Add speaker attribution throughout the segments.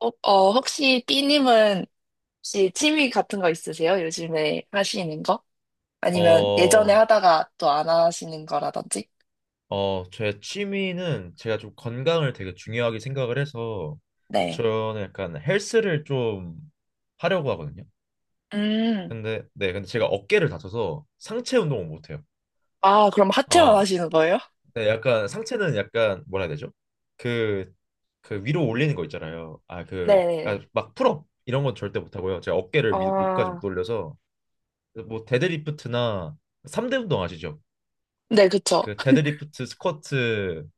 Speaker 1: 어, 어, 혹시 B님은 혹시 취미 같은 거 있으세요? 요즘에 하시는 거? 아니면 예전에
Speaker 2: 어,
Speaker 1: 하다가 또 안 하시는 거라든지?
Speaker 2: 제 취미는 제가 좀 건강을 되게 중요하게 생각을 해서
Speaker 1: 네.
Speaker 2: 저는 약간 헬스를 좀 하려고 하거든요.
Speaker 1: 음.
Speaker 2: 근데 제가 어깨를 다쳐서 상체 운동을 못 해요.
Speaker 1: 아, 그럼 하체만
Speaker 2: 아,
Speaker 1: 하시는 거예요?
Speaker 2: 네, 약간 상체는 약간 뭐라 해야 되죠? 그, 그 위로 올리는 거 있잖아요.
Speaker 1: 네네네.
Speaker 2: 막 풀업 이런 건 절대 못 하고요. 제가 어깨를 위까지
Speaker 1: 어,
Speaker 2: 못 올려서 뭐 데드리프트나 3대 운동 아시죠?
Speaker 1: 네, 그쵸.
Speaker 2: 그 데드리프트, 스쿼트.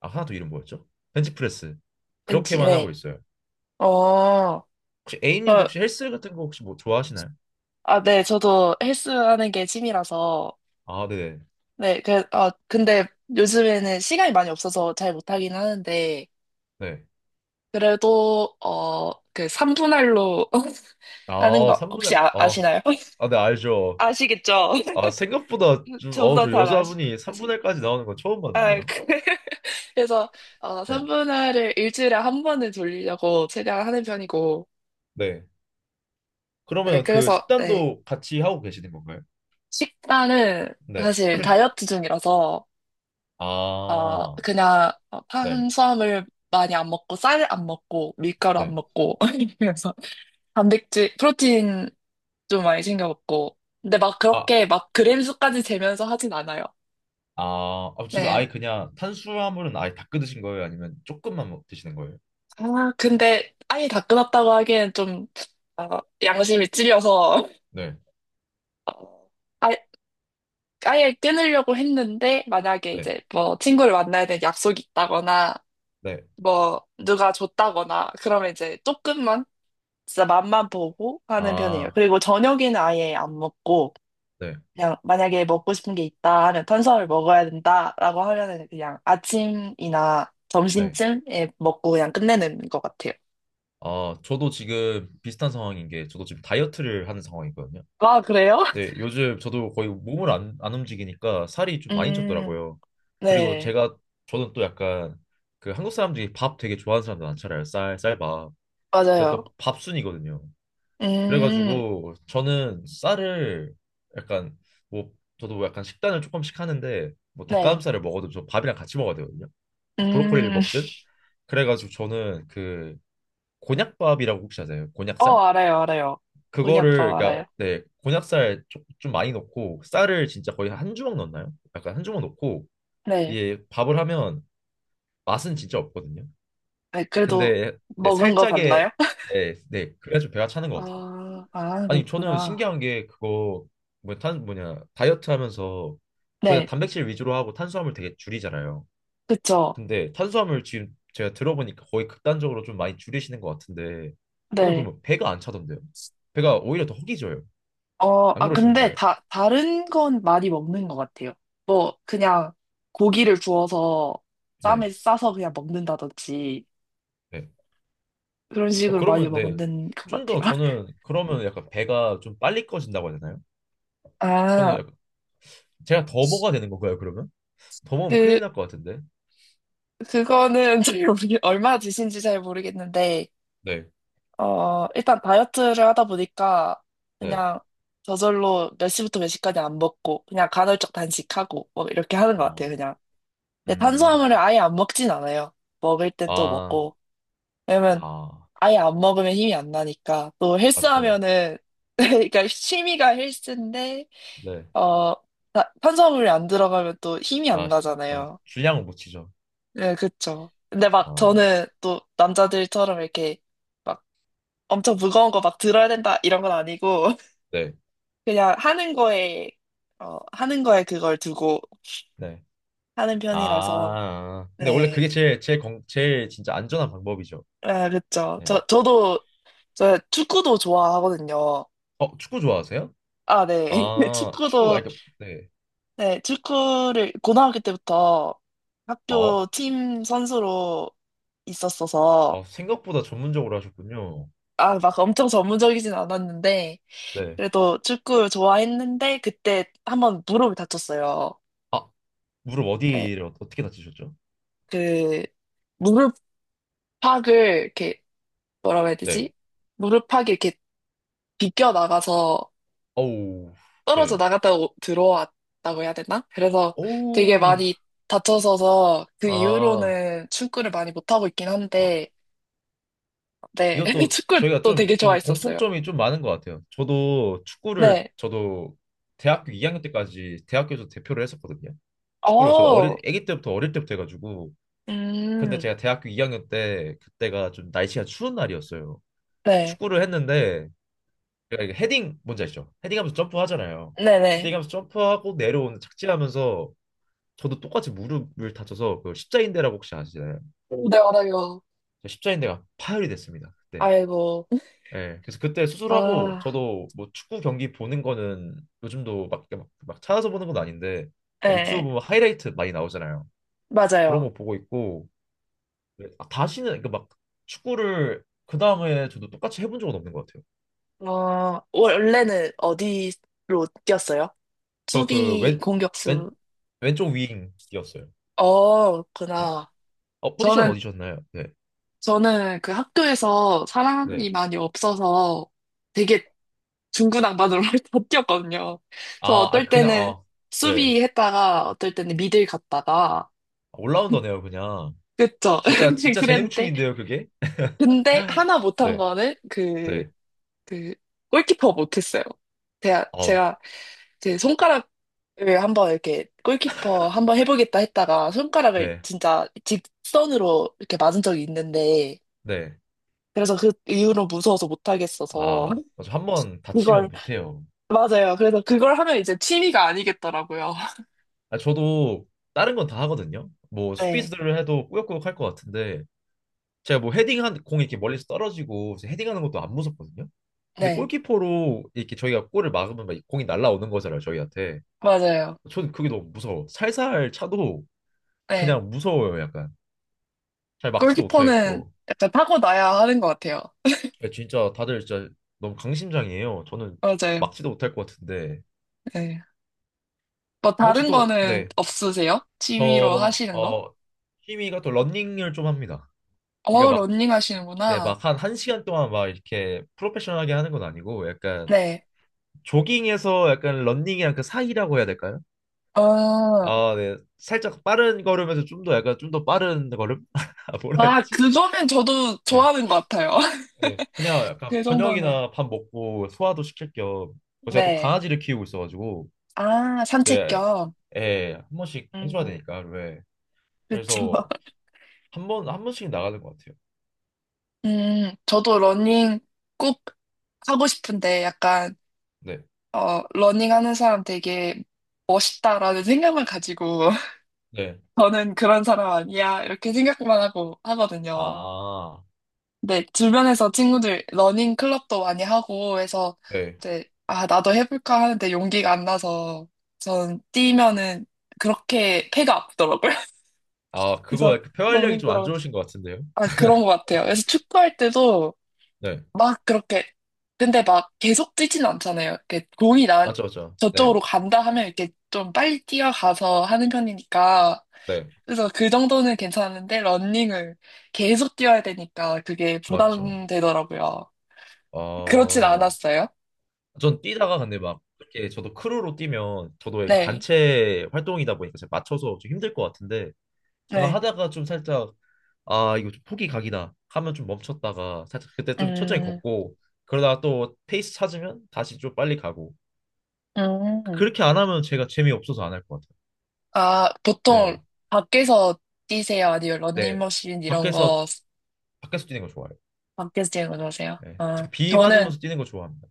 Speaker 2: 아, 하나 더 이름 뭐였죠? 벤치프레스.
Speaker 1: 왠지,
Speaker 2: 그렇게만 하고
Speaker 1: 네.
Speaker 2: 있어요.
Speaker 1: 어,
Speaker 2: 혹시 A님도
Speaker 1: 저,
Speaker 2: 혹시 헬스 같은 거 혹시 뭐 좋아하시나요?
Speaker 1: 네, 저도 헬스 하는 게 취미라서,
Speaker 2: 아, 네네.
Speaker 1: 네, 근데 요즘에는 시간이 많이 없어서 잘 못하긴 하는데,
Speaker 2: 네.
Speaker 1: 그래도, 그 3분할로 하는
Speaker 2: 아,
Speaker 1: 거 혹시
Speaker 2: 3분할,
Speaker 1: 아시나요?
Speaker 2: 아, 네, 알죠.
Speaker 1: 아시겠죠?
Speaker 2: 아, 생각보다 좀,
Speaker 1: 저보다
Speaker 2: 저
Speaker 1: 잘
Speaker 2: 여자분이
Speaker 1: 아시,
Speaker 2: 3분할까지 나오는 건 처음
Speaker 1: 아,
Speaker 2: 봤는데요.
Speaker 1: 그- 그래서
Speaker 2: 네.
Speaker 1: 3분할을 일주일에 한 번은 돌리려고 최대한 하는 편이고,
Speaker 2: 네.
Speaker 1: 네,
Speaker 2: 그러면 그
Speaker 1: 그래서 네,
Speaker 2: 식단도 같이 하고 계시는 건가요?
Speaker 1: 식단은
Speaker 2: 네.
Speaker 1: 사실 다이어트 중이라서
Speaker 2: 아,
Speaker 1: 그냥
Speaker 2: 네.
Speaker 1: 탄수화물 많이 안 먹고 쌀 안 먹고 밀가루 안
Speaker 2: 네.
Speaker 1: 먹고 그래서 단백질, 프로틴 좀 많이 챙겨 먹고, 근데 막
Speaker 2: 아,
Speaker 1: 그렇게 막 그램 수까지 재면서 하진 않아요.
Speaker 2: 아, 지금 아예
Speaker 1: 네.
Speaker 2: 그냥 탄수화물은 아예 다 끊으신 거예요? 아니면 조금만 먹- 드시는 거예요?
Speaker 1: 아, 근데 아예 다 끊었다고 하기엔 좀 양심이 찔려서
Speaker 2: 네.
Speaker 1: 어, 아, 아예 끊으려고 했는데 만약에
Speaker 2: 네.
Speaker 1: 이제 뭐 친구를 만나야 될 약속이 있다거나
Speaker 2: 네.
Speaker 1: 뭐 누가 줬다거나 그러면 이제 조금만 진짜 맛만 보고 하는 편이에요.
Speaker 2: 아,
Speaker 1: 그리고 저녁에는 아예 안 먹고
Speaker 2: 네.
Speaker 1: 그냥 만약에 먹고 싶은 게 있다 하면 탄수화물 먹어야 된다라고 하면은 그냥 아침이나
Speaker 2: 네.
Speaker 1: 점심쯤에 먹고 그냥 끝내는 것 같아요.
Speaker 2: 아, 저도 지금 비슷한 상황인 게 저도 지금 다이어트를 하는 상황이거든요.
Speaker 1: 아, 그래요?
Speaker 2: 네, 요즘 저도 거의 몸을 안 움직이니까 살이 좀 많이
Speaker 1: 음,
Speaker 2: 쪘더라고요. 그리고
Speaker 1: 네.
Speaker 2: 제가 저는 또 약간 그 한국 사람들이 밥 되게 좋아하는 사람들 많잖아요. 쌀밥. 제가
Speaker 1: 맞아요.
Speaker 2: 또 밥순이거든요.
Speaker 1: 음,
Speaker 2: 그래가지고 저는 쌀을 약간 뭐 저도 약간 식단을 조금씩 하는데 뭐
Speaker 1: 네.
Speaker 2: 닭가슴살을 먹어도 저 밥이랑 같이 먹어야 되거든요. 브로콜리를
Speaker 1: 음,
Speaker 2: 먹든 그래가지고 저는 그 곤약밥이라고 혹시 아세요? 곤약쌀?
Speaker 1: 알아요, 알아요. 곤약밥
Speaker 2: 그거를 그러니까
Speaker 1: 알아요.
Speaker 2: 네 곤약살 조- 좀 많이 넣고 쌀을 진짜 거의 한 주먹 넣나요? 약간 한 주먹 넣고
Speaker 1: 네.
Speaker 2: 이게 밥을 하면 맛은 진짜 없거든요.
Speaker 1: 네, 그래도
Speaker 2: 근데 네
Speaker 1: 먹은 거
Speaker 2: 살짝의
Speaker 1: 같나요?
Speaker 2: 네네 그래야 좀 배가 차는 것 같아요.
Speaker 1: 아,
Speaker 2: 아니 저는
Speaker 1: 그렇구나.
Speaker 2: 신기한 게 그거 뭐탄 뭐냐 다이어트 하면서 거의 다
Speaker 1: 네,
Speaker 2: 단백질 위주로 하고 탄수화물 되게 줄이잖아요.
Speaker 1: 그쵸.
Speaker 2: 근데 탄수화물 지금 제가 들어보니까 거의 극단적으로 좀 많이 줄이시는 것 같은데 저는
Speaker 1: 네.
Speaker 2: 그러면 배가 안 차던데요. 배가 오히려 더 허기져요. 안
Speaker 1: 근데
Speaker 2: 그러시는가요?
Speaker 1: 다른 건 많이 먹는 것 같아요. 뭐, 그냥 고기를 구워서
Speaker 2: 네.
Speaker 1: 쌈에 싸서 그냥 먹는다든지,
Speaker 2: 네.
Speaker 1: 그런
Speaker 2: 어,
Speaker 1: 식으로 많이
Speaker 2: 그러면 네.
Speaker 1: 먹는 것
Speaker 2: 좀 더
Speaker 1: 같아요.
Speaker 2: 저는 그러면 약간 배가 좀 빨리 꺼진다고 해야 되나요? 저는
Speaker 1: 아,
Speaker 2: 약간 제가 더 먹어야 되는 건가요, 그러면? 더 먹으면
Speaker 1: 그,
Speaker 2: 큰일 날 것 같은데.
Speaker 1: 그거는 잘 얼마 드신지 잘 모르겠는데,
Speaker 2: 네.
Speaker 1: 일단 다이어트를 하다 보니까
Speaker 2: 네.
Speaker 1: 그냥 저절로 몇 시부터 몇 시까지 안 먹고 그냥 간헐적 단식하고 뭐 이렇게 하는 것 같아요,
Speaker 2: 어.
Speaker 1: 그냥. 근데
Speaker 2: 음.
Speaker 1: 탄수화물을 아예 안 먹진 않아요. 먹을 땐 또
Speaker 2: 아.
Speaker 1: 먹고. 왜냐면
Speaker 2: 아.
Speaker 1: 아예 안 먹으면 힘이 안 나니까. 또
Speaker 2: 맞죠.
Speaker 1: 헬스하면은 그러니까 취미가 헬스인데
Speaker 2: 네.
Speaker 1: 어 탄수화물이 안 들어가면 또 힘이 안
Speaker 2: 아, 맞아요.
Speaker 1: 나잖아요.
Speaker 2: 줄량을 못 치죠.
Speaker 1: 네, 그쵸. 근데 막
Speaker 2: 아.
Speaker 1: 저는 또 남자들처럼 이렇게 막 엄청 무거운 거 막 들어야 된다 이런 건 아니고
Speaker 2: 네.
Speaker 1: 그냥 하는 거에 그걸 두고
Speaker 2: 네.
Speaker 1: 하는 편이라서,
Speaker 2: 아. 근데 원래 그게
Speaker 1: 네.
Speaker 2: 제일 진짜 안전한 방법이죠.
Speaker 1: 아, 그쵸.
Speaker 2: 네.
Speaker 1: 저 축구도 좋아하거든요.
Speaker 2: 어, 축구 좋아하세요?
Speaker 1: 아, 네.
Speaker 2: 아, 축구 아,
Speaker 1: 축구도,
Speaker 2: 그러니까, 네.
Speaker 1: 네, 축구를 고등학교 때부터
Speaker 2: 어.
Speaker 1: 학교 팀 선수로 있었어서,
Speaker 2: 어, 생각보다 전문적으로 하셨군요.
Speaker 1: 아, 막 엄청 전문적이진 않았는데,
Speaker 2: 네.
Speaker 1: 그래도 축구를 좋아했는데, 그때 한번 무릎을 다쳤어요.
Speaker 2: 아, 무릎
Speaker 1: 예,
Speaker 2: 어디를 어- 어떻게 다치셨죠?
Speaker 1: 그, 무릎팍을 이렇게 뭐라고 해야
Speaker 2: 네.
Speaker 1: 되지? 무릎팍이 이렇게 비껴 나가서
Speaker 2: 어우,
Speaker 1: 떨어져
Speaker 2: 네.
Speaker 1: 나갔다가 들어왔다고 해야 되나? 그래서 되게
Speaker 2: 오우.
Speaker 1: 많이 다쳐서서 그
Speaker 2: 아,
Speaker 1: 이후로는 축구를 많이 못하고 있긴
Speaker 2: 아,
Speaker 1: 한데, 네.
Speaker 2: 이것도 저희가
Speaker 1: 축구도
Speaker 2: 좀,
Speaker 1: 되게
Speaker 2: 좀
Speaker 1: 좋아했었어요.
Speaker 2: 공통점이 좀 많은 것 같아요. 저도 축구를,
Speaker 1: 네.
Speaker 2: 저도 대학교 2학년 때까지 대학교에서 대표를 했었거든요. 축구를 저도
Speaker 1: 어,
Speaker 2: 어릴, 아기 때부터 어릴 때부터 해가지고. 근데
Speaker 1: 음,
Speaker 2: 제가 대학교 2학년 때, 그때가 좀 날씨가 추운 날이었어요.
Speaker 1: 네.
Speaker 2: 축구를 했는데, 제가 이게 헤딩, 뭔지 아시죠? 헤딩하면서 점프하잖아요.
Speaker 1: 네네.
Speaker 2: 헤딩하면서 점프하고 내려오는 착지하면서 저도 똑같이 무릎을 다쳐서 그 십자인대라고 혹시 아시나요?
Speaker 1: 네, 알아요.
Speaker 2: 저 십자인대가 파열이 됐습니다. 그때.
Speaker 1: 아이고.
Speaker 2: 예. 그래서 그때 수술하고
Speaker 1: 아,
Speaker 2: 저도 뭐 축구 경기 보는 거는 요즘도 이렇게 막 찾아서 보는 건 아닌데 막
Speaker 1: 네.
Speaker 2: 유튜브 뭐 하이라이트 많이 나오잖아요. 그런
Speaker 1: 맞아요.
Speaker 2: 거 보고 있고 예, 아, 다시는 그막 축구를 그 다음에 저도 똑같이 해본 적은 없는 것 같아요.
Speaker 1: 원래는 어디로 뛰었어요?
Speaker 2: 저 그
Speaker 1: 수비,
Speaker 2: 왼,
Speaker 1: 공격수.
Speaker 2: 왼쪽 윙이었어요. 네.
Speaker 1: 그렇구나.
Speaker 2: 어, 포지션
Speaker 1: 저는,
Speaker 2: 어디셨나요? 네.
Speaker 1: 저는 그 학교에서
Speaker 2: 네.
Speaker 1: 사람이 많이 없어서 되게 중구난방으로 바뀌었거든요. 그래서
Speaker 2: 아, 아
Speaker 1: 어떨
Speaker 2: 그냥
Speaker 1: 때는
Speaker 2: 아, 네.
Speaker 1: 수비했다가 어떨 때는 미들 갔다가
Speaker 2: 아, 올라운더네요, 그냥.
Speaker 1: 그쵸.
Speaker 2: 진짜 진짜
Speaker 1: 그랬는데
Speaker 2: 재능충인데요, 그게.
Speaker 1: 근데 하나 못한
Speaker 2: 네,
Speaker 1: 거는
Speaker 2: 네,
Speaker 1: 그 골키퍼 못했어요.
Speaker 2: 아,
Speaker 1: 제가 제 손가락을 한번 이렇게 골키퍼 한번 해보겠다 했다가 손가락을
Speaker 2: 네,
Speaker 1: 진짜 직선으로 이렇게 맞은 적이 있는데
Speaker 2: 네,
Speaker 1: 그래서 그 이후로 무서워서 못하겠어서
Speaker 2: 아, 한번 다치면
Speaker 1: 이걸
Speaker 2: 못해요.
Speaker 1: 맞아요. 그래서 그걸 하면 이제 취미가 아니겠더라고요.
Speaker 2: 아, 저도 다른 건 다 하거든요. 뭐
Speaker 1: 네,
Speaker 2: 수비수들을 해도 꾸역꾸역 할 것 같은데 제가 뭐 헤딩한 공이 이렇게 멀리서 떨어지고 이제 헤딩하는 것도 안 무섭거든요. 근데
Speaker 1: 네,
Speaker 2: 골키퍼로 이렇게 저희가 골을 막으면 막 공이 날아오는 거잖아요, 저희한테.
Speaker 1: 맞아요.
Speaker 2: 저는 그게 너무 무서워. 살살 차도
Speaker 1: 네,
Speaker 2: 그냥 무서워요, 약간. 잘 막지도
Speaker 1: 골키퍼는
Speaker 2: 못하겠고.
Speaker 1: 약간 타고나야 하는 것 같아요.
Speaker 2: 야, 진짜 다들 진짜 너무 강심장이에요. 저는
Speaker 1: 맞아요.
Speaker 2: 막지도 못할 것 같은데.
Speaker 1: 네. 뭐
Speaker 2: 그럼 혹시
Speaker 1: 다른
Speaker 2: 또,
Speaker 1: 거는
Speaker 2: 네.
Speaker 1: 없으세요? 취미로
Speaker 2: 저,
Speaker 1: 하시는 거?
Speaker 2: 어, 취미가 또 런닝을 좀 합니다. 그러니까 막,
Speaker 1: 러닝
Speaker 2: 네,
Speaker 1: 하시는구나.
Speaker 2: 막 한 한시간 동안 막 이렇게 프로페셔널하게 하는 건 아니고 약간
Speaker 1: 네.
Speaker 2: 조깅에서 약간 런닝이랑 그 사이라고 해야 될까요?
Speaker 1: 어,
Speaker 2: 아, 네. 살짝 빠른 걸음에서 좀 더 약간 좀 더 빠른 걸음? 아, 뭐라 했지?
Speaker 1: 그거는 저도
Speaker 2: 네.
Speaker 1: 좋아하는 것 같아요.
Speaker 2: 네. 그냥 약간
Speaker 1: 그 정도는.
Speaker 2: 저녁이나 밥 먹고 소화도 시킬 겸 제가 또
Speaker 1: 네.
Speaker 2: 강아지를 키우고 있어가지고
Speaker 1: 아, 산책
Speaker 2: 내
Speaker 1: 겸.
Speaker 2: 애 한 번씩 해줘야
Speaker 1: 음,
Speaker 2: 되니까 왜?
Speaker 1: 그쵸.
Speaker 2: 그래서 한 번씩 나가는 것 같아요.
Speaker 1: 저도 러닝 꼭 하고 싶은데 약간
Speaker 2: 네,
Speaker 1: 러닝 하는 사람 되게 멋있다라는 생각만 가지고
Speaker 2: 네,
Speaker 1: 저는 그런 사람 아니야 이렇게 생각만 하고 하거든요.
Speaker 2: 아,
Speaker 1: 근데 주변에서 친구들 러닝 클럽도 많이 하고 해서
Speaker 2: 네,
Speaker 1: 이제 아 나도 해볼까 하는데 용기가 안 나서 전 뛰면은 그렇게 폐가 아프더라고요.
Speaker 2: 아 그거
Speaker 1: 그래서
Speaker 2: 약간
Speaker 1: 너무
Speaker 2: 폐활량이 좀 안
Speaker 1: 힘들어.
Speaker 2: 좋으신 것 같은데요?
Speaker 1: 아 그런 것 같아요. 그래서 축구할 때도
Speaker 2: 네,
Speaker 1: 막 그렇게 근데 막 계속 뛰진 않잖아요. 이렇게 공이 나
Speaker 2: 맞죠, 맞죠. 네,
Speaker 1: 저쪽으로 간다 하면 이렇게 좀 빨리 뛰어가서 하는 편이니까
Speaker 2: 네,
Speaker 1: 그래서 그 정도는 괜찮은데 러닝을 계속 뛰어야 되니까 그게
Speaker 2: 맞죠.
Speaker 1: 부담되더라고요. 그렇진
Speaker 2: 어,
Speaker 1: 않았어요.
Speaker 2: 전 뛰다가 근데 막 이렇게 저도 크루로 뛰면 저도 이렇게
Speaker 1: 네,
Speaker 2: 단체 활동이다 보니까 제가 맞춰서 좀 힘들 것 같은데 저는
Speaker 1: 네,
Speaker 2: 하다가 좀 살짝 아 이거 좀 포기 각이다 하면 좀 멈췄다가 살짝 그때 좀 천천히
Speaker 1: 음,
Speaker 2: 걷고 그러다가 또 페이스 찾으면 다시 좀 빨리 가고
Speaker 1: 음,
Speaker 2: 그렇게 안 하면 제가 재미없어서 안 할 것 같아요.
Speaker 1: 아
Speaker 2: 네.
Speaker 1: 보통 밖에서 뛰세요? 아니면
Speaker 2: 네.
Speaker 1: 러닝머신 이런
Speaker 2: 밖에서
Speaker 1: 거
Speaker 2: 밖에서 뛰는 거 좋아해요.
Speaker 1: 밖에서 뛰는 거 좋아하세요?
Speaker 2: 네.
Speaker 1: 아
Speaker 2: 특히 비
Speaker 1: 저는
Speaker 2: 맞으면서 뛰는 거 좋아합니다.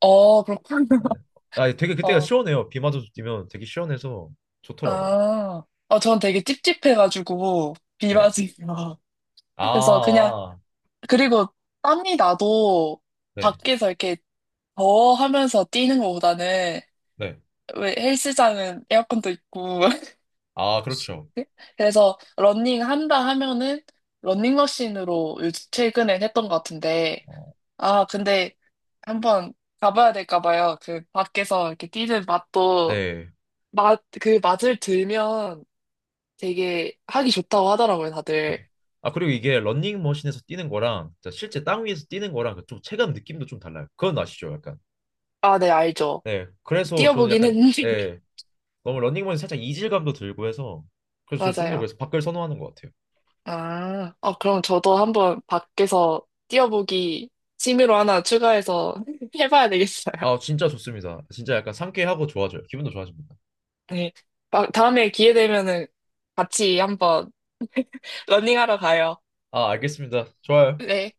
Speaker 1: 그렇군요.
Speaker 2: 네. 아 되게 그때가
Speaker 1: 어,
Speaker 2: 시원해요. 비 맞아서 뛰면 되게 시원해서 좋더라고요.
Speaker 1: 아, 전 되게 찝찝해가지고, 비
Speaker 2: 네.
Speaker 1: 맞으면.
Speaker 2: 아,
Speaker 1: 그래서 그냥,
Speaker 2: 아. 아.
Speaker 1: 그리고 땀이 나도
Speaker 2: 네.
Speaker 1: 밖에서 이렇게 더워하면서 뛰는 것보다는,
Speaker 2: 네.
Speaker 1: 왜 헬스장은 에어컨도 있고.
Speaker 2: 아, 그렇죠.
Speaker 1: 그래서 러닝 한다 하면은, 러닝머신으로 요즘 최근엔 했던 것 같은데,
Speaker 2: 어,
Speaker 1: 아, 근데 한번 가봐야 될까 봐요. 그 밖에서 이렇게 뛰는 맛도,
Speaker 2: 네.
Speaker 1: 그 맛을 들면 되게 하기 좋다고 하더라고요, 다들.
Speaker 2: 맞아. 아, 그리고 이게 런닝머신에서 뛰는 거랑 진짜 실제 땅 위에서 뛰는 거랑 그좀 체감 느낌도 좀 달라요. 그건 아시죠? 약간.
Speaker 1: 아, 네, 알죠.
Speaker 2: 네. 그래서 저는
Speaker 1: 뛰어보긴
Speaker 2: 약간,
Speaker 1: 했는데.
Speaker 2: 예. 너무 런닝머신 살짝 이질감도 들고 해서 그래서 저 좀 더
Speaker 1: 맞아요.
Speaker 2: 그래서 밖을 선호하는 것 같아요.
Speaker 1: 아, 그럼 저도 한번 밖에서 뛰어보기 취미로 하나 추가해서 해봐야 되겠어요.
Speaker 2: 아, 진짜 좋습니다. 진짜 약간 상쾌하고 좋아져요. 기분도 좋아집니다.
Speaker 1: 네. 막 다음에 기회 되면은 같이 한번 러닝하러 가요.
Speaker 2: 아, 알겠습니다. 좋아요.
Speaker 1: 네.